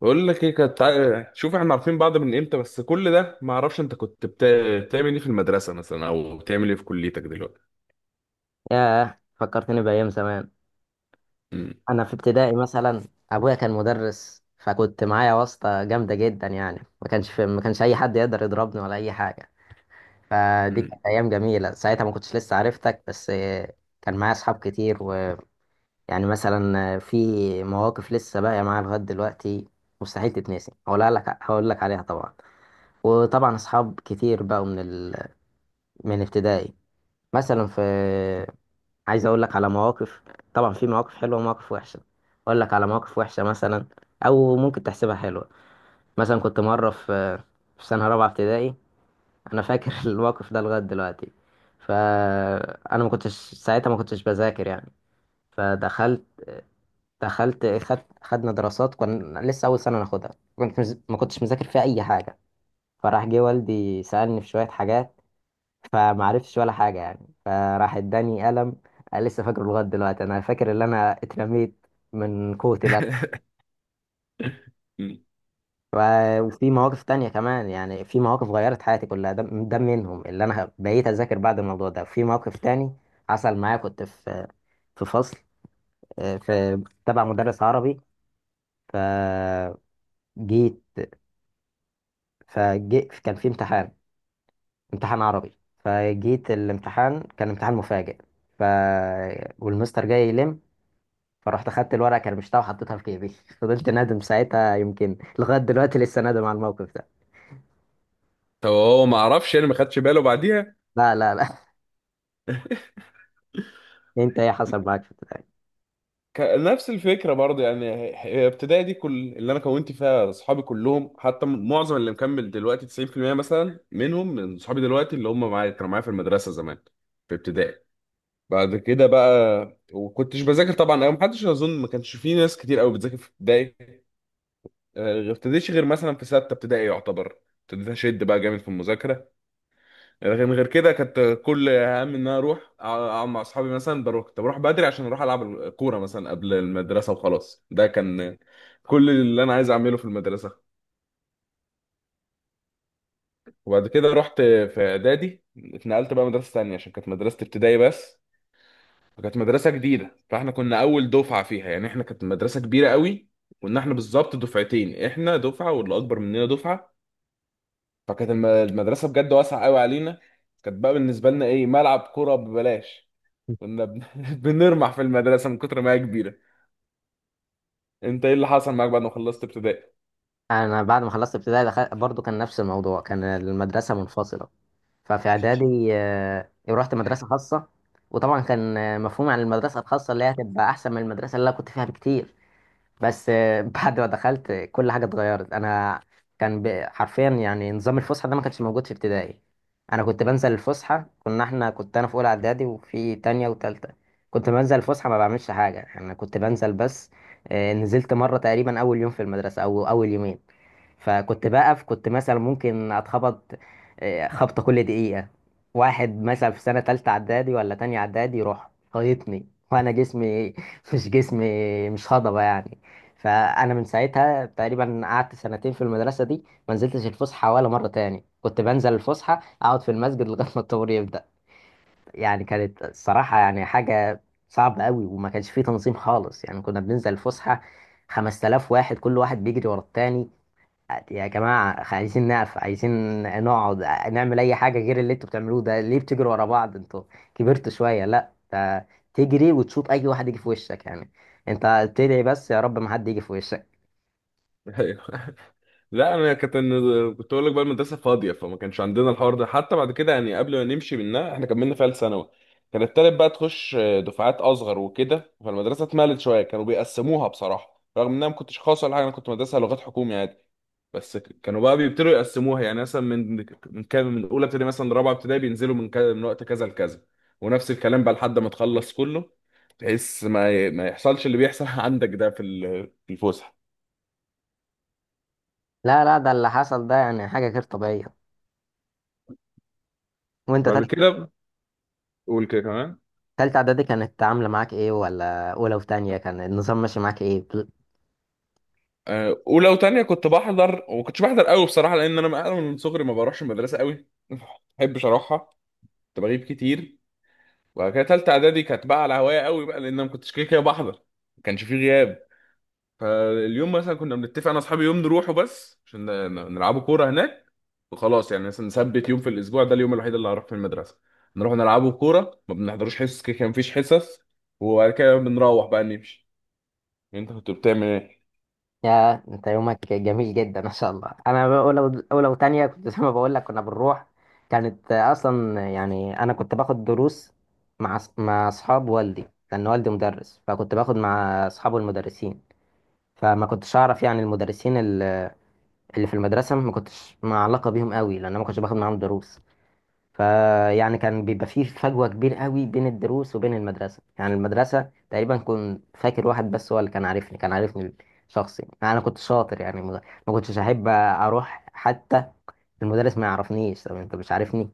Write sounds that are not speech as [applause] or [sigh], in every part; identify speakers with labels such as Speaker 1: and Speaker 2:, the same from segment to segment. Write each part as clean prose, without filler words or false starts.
Speaker 1: بقول لك ايه كانت شوف، احنا عارفين بعض من امتى، بس كل ده ما اعرفش انت كنت بتعمل ايه في المدرسه مثلا، او بتعمل ايه في كليتك دلوقتي؟
Speaker 2: ياه، فكرتني بأيام زمان.
Speaker 1: مم.
Speaker 2: أنا في ابتدائي مثلا، أبويا كان مدرس فكنت معايا واسطة جامدة جدا. يعني ما كانش أي حد يقدر يضربني ولا أي حاجة. فدي
Speaker 1: مم.
Speaker 2: كانت أيام جميلة، ساعتها ما كنتش لسه عرفتك. بس كان معايا أصحاب كتير. ويعني مثلا في مواقف لسه باقية معايا لغاية دلوقتي، مستحيل تتنسي، هقولها لك، هقول لك عليها طبعا. وطبعا أصحاب كتير بقوا من ابتدائي. مثلا في، عايز اقول لك على مواقف. طبعا في مواقف حلوه ومواقف وحشه. اقول لك على مواقف وحشه مثلا، او ممكن تحسبها حلوه. مثلا كنت مره في في سنه رابعه ابتدائي، انا فاكر [laughs] الموقف ده لغايه دلوقتي. فانا ما كنتش ساعتها، ما كنتش بذاكر يعني. فدخلت دخلت خد خدنا دراسات، كنا لسه اول سنه ناخدها. ما كنتش مذاكر فيها اي حاجه. فراح جه والدي سالني في شويه حاجات، فمعرفتش ولا حاجة يعني. فراح اداني قلم، أنا لسه فاكره لغاية دلوقتي. أنا فاكر إن أنا اترميت من قوة القلم.
Speaker 1: [laughs] مم.
Speaker 2: و- وفي مواقف تانية كمان. يعني في مواقف غيرت حياتي كلها، ده منهم. اللي أنا بقيت أذاكر بعد الموضوع ده. في موقف تاني حصل معايا، كنت في فصل، في تبع مدرس عربي. فجيت فجيت كان في امتحان، امتحان عربي. فجيت الامتحان كان امتحان مفاجئ، ف والمستر جاي يلم. فرحت اخدت الورقه كرمشتها وحطيتها في جيبي [laughs] فضلت نادم ساعتها، يمكن لغايه دلوقتي لسه نادم على الموقف ده.
Speaker 1: طب هو ما اعرفش، يعني ما خدش باله بعديها؟
Speaker 2: لا لا لا. [laughs] انت ايه حصل معاك في ابتدائي؟
Speaker 1: نفس الفكره برضه، يعني ابتدائي دي كل اللي انا كونت فيها اصحابي كلهم، حتى معظم اللي مكمل دلوقتي 90% مثلا منهم من اصحابي دلوقتي، اللي هم معايا كانوا معايا في المدرسه زمان في ابتدائي. بعد كده بقى وكنتش بذاكر طبعا قوي، محدش اظن ما كانش في ناس كتير قوي بتذاكر في ابتدائي. ابتديتش غير مثلا في سته ابتدائي يعتبر، ابتديت اشد بقى جامد في المذاكره. لكن غير كده كانت كل همي ان انا اروح اقعد مع اصحابي، مثلا بروح كنت بروح بدري عشان اروح العب كوره مثلا قبل المدرسه، وخلاص. ده كان كل اللي انا عايز اعمله في المدرسه. وبعد كده رحت في اعدادي، اتنقلت بقى مدرسه تانية عشان كانت مدرسه ابتدائي بس. فكانت مدرسة جديدة، فاحنا كنا أول دفعة فيها، يعني احنا كانت مدرسة كبيرة قوي. كنا احنا بالظبط دفعتين، احنا دفعة واللي أكبر مننا دفعة. فكانت المدرسة بجد واسعة قوي علينا. كانت بقى بالنسبة لنا إيه؟ ملعب كورة ببلاش. كنا بن... [laughs] بنرمح في المدرسة من كتر ما هي كبيرة. أنت إيه اللي حصل معاك بعد ما خلصت ابتدائي؟
Speaker 2: انا بعد ما خلصت ابتدائي دخلت، برضو كان نفس الموضوع، كان المدرسه منفصله. ففي اعدادي، رحت مدرسه خاصه. وطبعا كان مفهومي عن المدرسه الخاصه اللي هي هتبقى احسن من المدرسه اللي انا كنت فيها بكتير. بس [laughs] بعد ما دخلت كل حاجه اتغيرت. انا كان حرفيا يعني نظام الفسحه ده ما كانش موجود في ابتدائي. انا كنت بنزل الفسحه، كنا احنا كنت انا في اولى اعدادي وفي تانية وتالتة. كنت بنزل الفسحه ما بعملش حاجه، انا كنت بنزل بس. نزلت مره تقريبا اول يوم في المدرسه او اول يومين، فكنت بقف، كنت مثلا ممكن اتخبط خبطة كل دقيقة. واحد مثلا في سنة تالتة اعدادي ولا تانية اعدادي يروح خايطني وانا جسمي [laughs] مش جسمي، مش هضبة يعني. فانا من ساعتها تقريبا قعدت سنتين في المدرسة دي ما نزلتش الفسحة ولا مرة تاني. كنت بنزل الفسحة اقعد في المسجد لغاية ما الطابور يبدأ. يعني كانت الصراحة يعني حاجة صعبة قوي، وما كانش فيه تنظيم خالص. يعني كنا بننزل الفسحة 5000 واحد، كل واحد بيجري ورا التاني. يا جماعة، عايزين نقف، عايزين نقعد، نعمل أي حاجة غير اللي انتوا بتعملوه ده. ليه بتجروا ورا بعض انتوا؟ كبرتوا شوية. لا ده، تجري وتشوط أي واحد يجي في وشك يعني. انت تدعي بس يا رب ما حد يجي في وشك.
Speaker 1: [laughs] لا انا كنت، كنت اقول لك بقى المدرسه فاضيه، فما كانش عندنا الحوار ده. حتى بعد كده، يعني قبل ما نمشي منها، احنا كملنا فيها ثانوي. كان التالت بقى تخش دفعات اصغر وكده، فالمدرسه اتملت شويه، كانوا بيقسموها بصراحه، رغم ان انا ما كنتش خاص ولا حاجه، انا كنت مدرسه لغات حكومي عادي. بس كانوا بقى بيبتدوا يقسموها، يعني مثلا من كام، من اولى ابتدائي مثلا لرابعه ابتدائي بينزلوا من كذا، من وقت كذا لكذا. ونفس الكلام بقى لحد ما تخلص كله. تحس ما ما يحصلش اللي بيحصل [laughs] عندك ده في في الفسحه.
Speaker 2: لا لا، ده اللي حصل ده يعني حاجة غير طبيعية. وانت
Speaker 1: بعد
Speaker 2: تالتة،
Speaker 1: كده قول كده كمان.
Speaker 2: تالتة إعدادي كانت عاملة معاك ايه؟ ولا أولى وتانية كان النظام ماشي معاك ايه؟
Speaker 1: اولى وتانية كنت بحضر وما كنتش بحضر قوي بصراحه، لان انا من أنا من صغري ما بروحش المدرسه قوي، ما بحبش اروحها. كنت بغيب كتير. وبعد كده تالتة اعدادي كانت بقى على هوايه قوي بقى، لان أنا ما كنتش كده كده بحضر. ما كانش فيه غياب. فاليوم مثلا كنا بنتفق انا واصحابي يوم نروحه بس عشان نلعبوا كوره هناك. وخلاص، يعني مثلا نثبت يوم في الاسبوع، ده اليوم الوحيد اللي هروح في المدرسه. نروح نلعبوا كوره، ما بنحضروش حصص، كده كان مفيش حصص. وبعد كده بنروح بقى نمشي. انت كنت بتعمل ايه؟
Speaker 2: يا انت يومك جميل جدا ما شاء الله. انا اولى، اولى وتانية كنت زي ما بقول لك كنا بنروح. كانت اصلا يعني انا كنت باخد دروس مع اصحاب والدي، لان والدي مدرس فكنت باخد مع اصحابه المدرسين. فما كنتش اعرف يعني المدرسين اللي في المدرسه، ما كنتش مع علاقه بيهم قوي لان انا ما كنتش باخد معاهم دروس. فيعني كان بيبقى فيه فجوة كبيرة قوي بين الدروس وبين المدرسة. يعني المدرسة تقريبا كنت فاكر واحد بس هو اللي كان عارفني شخصي. يعني أنا كنت شاطر يعني، ما كنتش أحب أروح حتى. المدرس ما يعرفنيش، طب أنت مش عارفني،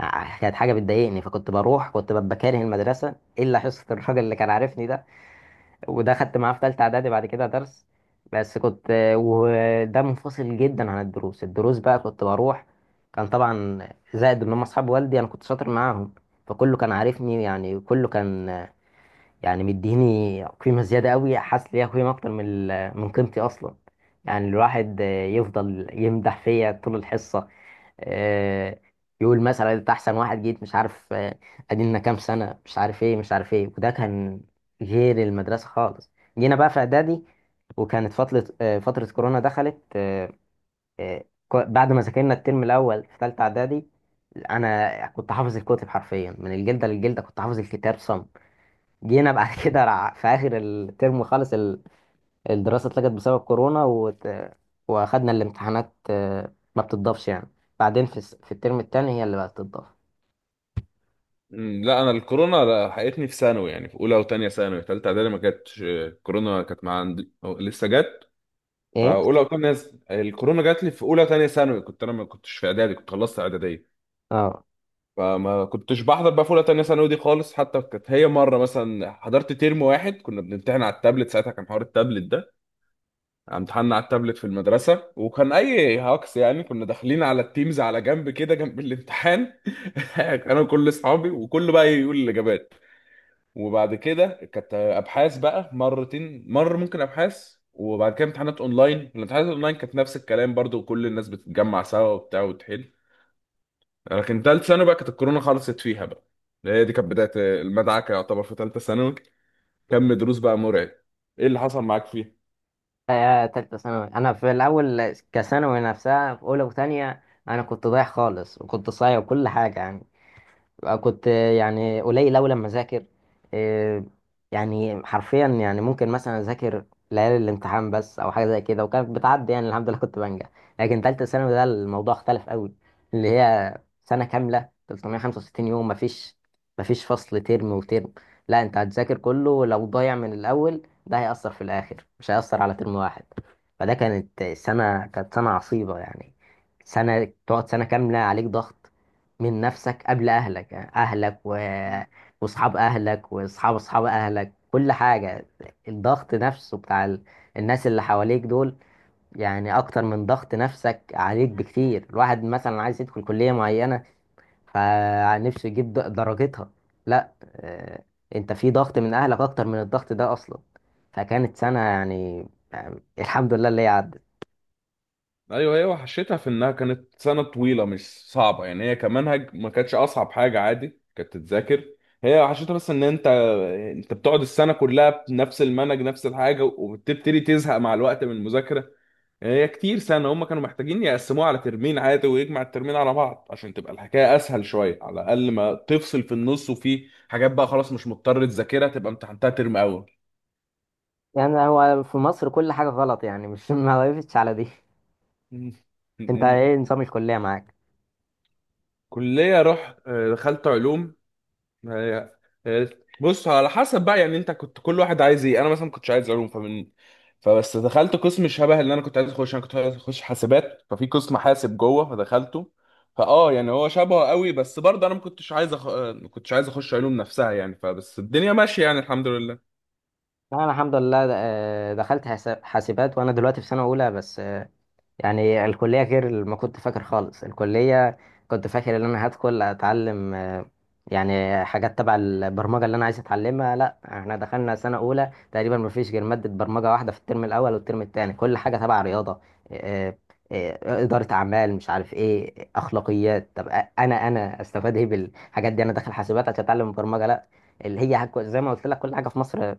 Speaker 2: كانت حاجة بتضايقني. فكنت بروح كنت ببقى كاره المدرسة إلا حصة الراجل اللي كان عارفني ده، وده خدت معاه في تالتة اعدادي بعد كده درس. بس كنت، وده منفصل جدا عن الدروس. الدروس بقى كنت بروح، كان طبعا زائد ان هم اصحاب والدي، انا كنت شاطر معاهم فكله كان عارفني. يعني كله كان يعني مديني قيمة زيادة قوي، حاسس ليها قيمة أكتر من من قيمتي أصلا. يعني الواحد يفضل يمدح فيا طول الحصة. آه، يقول مثلا أنت أحسن واحد جيت، مش عارف أدينا كام سنة، مش عارف إيه مش عارف إيه. وده كان غير المدرسة خالص. جينا بقى في إعدادي، وكانت فترة فترة كورونا. دخلت بعد ما ذاكرنا الترم الأول في تالتة إعدادي، أنا كنت حافظ الكتب حرفيا من الجلدة للجلدة، كنت حافظ الكتاب صم. جينا بعد [laughs] كده في اخر الترم خالص، الدراسه اتلغت بسبب كورونا واخدنا الامتحانات ما بتضافش يعني. بعدين في في الترم التاني هي اللي بقت تضاف.
Speaker 1: مم، لا انا الكورونا لحقتني في ثانوي، يعني في اولى وثانيه ثانوي. ثالثه اعدادي ما جاتش الكورونا، كانت مع عندي أو لسه جت.
Speaker 2: ايه.
Speaker 1: فاولى وثانيه، الكورونا جات لي في اولى وثانيه ثانوي. كنت انا ما كنتش في اعدادي، كنت خلصت اعداديه.
Speaker 2: اه.
Speaker 1: فما كنتش بحضر بقى في اولى وثانيه ثانوي دي خالص. حتى كانت هي مره مثلا حضرت ترم واحد، كنا بنمتحن على التابلت، ساعتها كان حوار التابلت ده. يعني امتحنا على التابلت في المدرسه، وكان اي هاكس، يعني كنا داخلين على التيمز على جنب كده جنب الامتحان. [laughs] انا وكل اصحابي وكله بقى يقول الاجابات. وبعد كده كانت ابحاث بقى مرتين، مره ممكن ابحاث وبعد كده امتحانات اونلاين. الامتحانات اونلاين كانت نفس الكلام برضو، كل الناس بتتجمع سوا وبتاع وتحل. لكن تالت ثانوي بقى كانت الكورونا خلصت فيها بقى. هي دي كانت بدايه المدعكه يعتبر في تالته ثانوي. كم دروس بقى مرعب. ايه اللي حصل معاك فيها؟
Speaker 2: تالتة ثانوي انا في الاول كثانوي نفسها في اولى وثانيه انا كنت ضايع خالص وكنت صايع وكل حاجه يعني. كنت يعني قليل أوي لما أذاكر. إيه، يعني حرفيا يعني ممكن مثلا أذاكر ليالي الامتحان بس أو حاجة زي كده، وكانت بتعدي يعني الحمد لله كنت بنجح. لكن تالتة ثانوي ده الموضوع اختلف أوي، اللي هي سنة كاملة 365 يوم، مفيش فصل ترم وترم. لا أنت هتذاكر كله، لو ضايع من الأول ده هيأثر في الآخر مش هيأثر على ترم واحد. فده كانت سنة عصيبة يعني. سنة تقعد سنة كاملة عليك ضغط من نفسك قبل أهلك. يعني أهلك وأصحاب أهلك وأصحاب أصحاب أهلك كل حاجة. الضغط نفسه بتاع الناس اللي حواليك دول يعني أكتر من ضغط نفسك عليك بكتير. الواحد مثلا عايز يدخل كلية معينة فنفسه يجيب درجتها. لا أنت في ضغط من أهلك أكتر من الضغط ده أصلا. فكانت سنة يعني الحمد لله اللي هي عدت.
Speaker 1: ايوه، هي وحشتها في انها كانت سنه طويله، مش صعبه يعني، هي كمنهج ما كانتش اصعب حاجه، عادي كانت تتذاكر. هي وحشتها بس ان انت، انت بتقعد السنه كلها بنفس المنهج نفس الحاجه، وبتبتدي تزهق مع الوقت من المذاكره. يعني هي كتير سنه، هم كانوا محتاجين يقسموها على ترمين عادي ويجمع الترمين على بعض عشان تبقى الحكايه اسهل شويه على الاقل، ما تفصل في النص وفي حاجات بقى خلاص مش مضطر تذاكرها، تبقى امتحنتها ترم اول.
Speaker 2: يعني هو في مصر كل حاجة غلط يعني، مش [laughs] ما وقفتش على دي. أنت
Speaker 1: [laughs]
Speaker 2: إيه نظام الكلية معاك؟
Speaker 1: كليه رحت، دخلت علوم. هي- هي- بص، على حسب بقى، يعني انت كنت كل واحد عايز ايه. انا مثلا ما كنتش عايز علوم، فبس دخلت قسم شبه اللي انا كنت عايز اخش. انا كنت عايز اخش حاسبات، ففي قسم حاسب جوه، فدخلته. فاه يعني هو شبهه قوي، بس برضه انا ما كنتش عايز ما كنتش عايز اخش علوم نفسها. يعني فبس الدنيا ماشيه، يعني الحمد لله.
Speaker 2: لا انا الحمد لله دخلت حاسبات، وانا دلوقتي في سنه اولى بس. يعني الكليه غير اللي ما كنت فاكر خالص. الكليه كنت فاكر ان انا هدخل اتعلم يعني حاجات تبع البرمجه اللي انا عايز اتعلمها. لا، احنا دخلنا سنه اولى تقريبا ما فيش غير ماده برمجه واحده في الترم الاول والترم الثاني. كل حاجه تبع رياضه، آه، اداره اعمال، مش عارف ايه، اخلاقيات. طب انا استفاد ايه بالحاجات دي؟ انا داخل حاسبات عشان اتعلم برمجه. لا، اللي هي زي ما قلت لك كل حاجه في مصر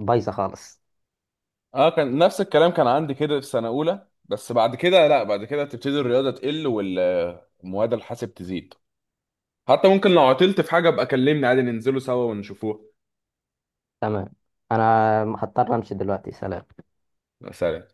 Speaker 2: بايظه خالص.
Speaker 1: اه كان نفس الكلام، كان عندي كده في سنه اولى، بس بعد كده لا، بعد كده تبتدي الرياضه تقل والمواد الحاسب تزيد. حتى ممكن لو عطلت في حاجه ابقى كلمني عادي، ننزلوا سوا ونشوفوها.
Speaker 2: تمام. انا هضطر امشي دلوقتي، سلام.
Speaker 1: سلام.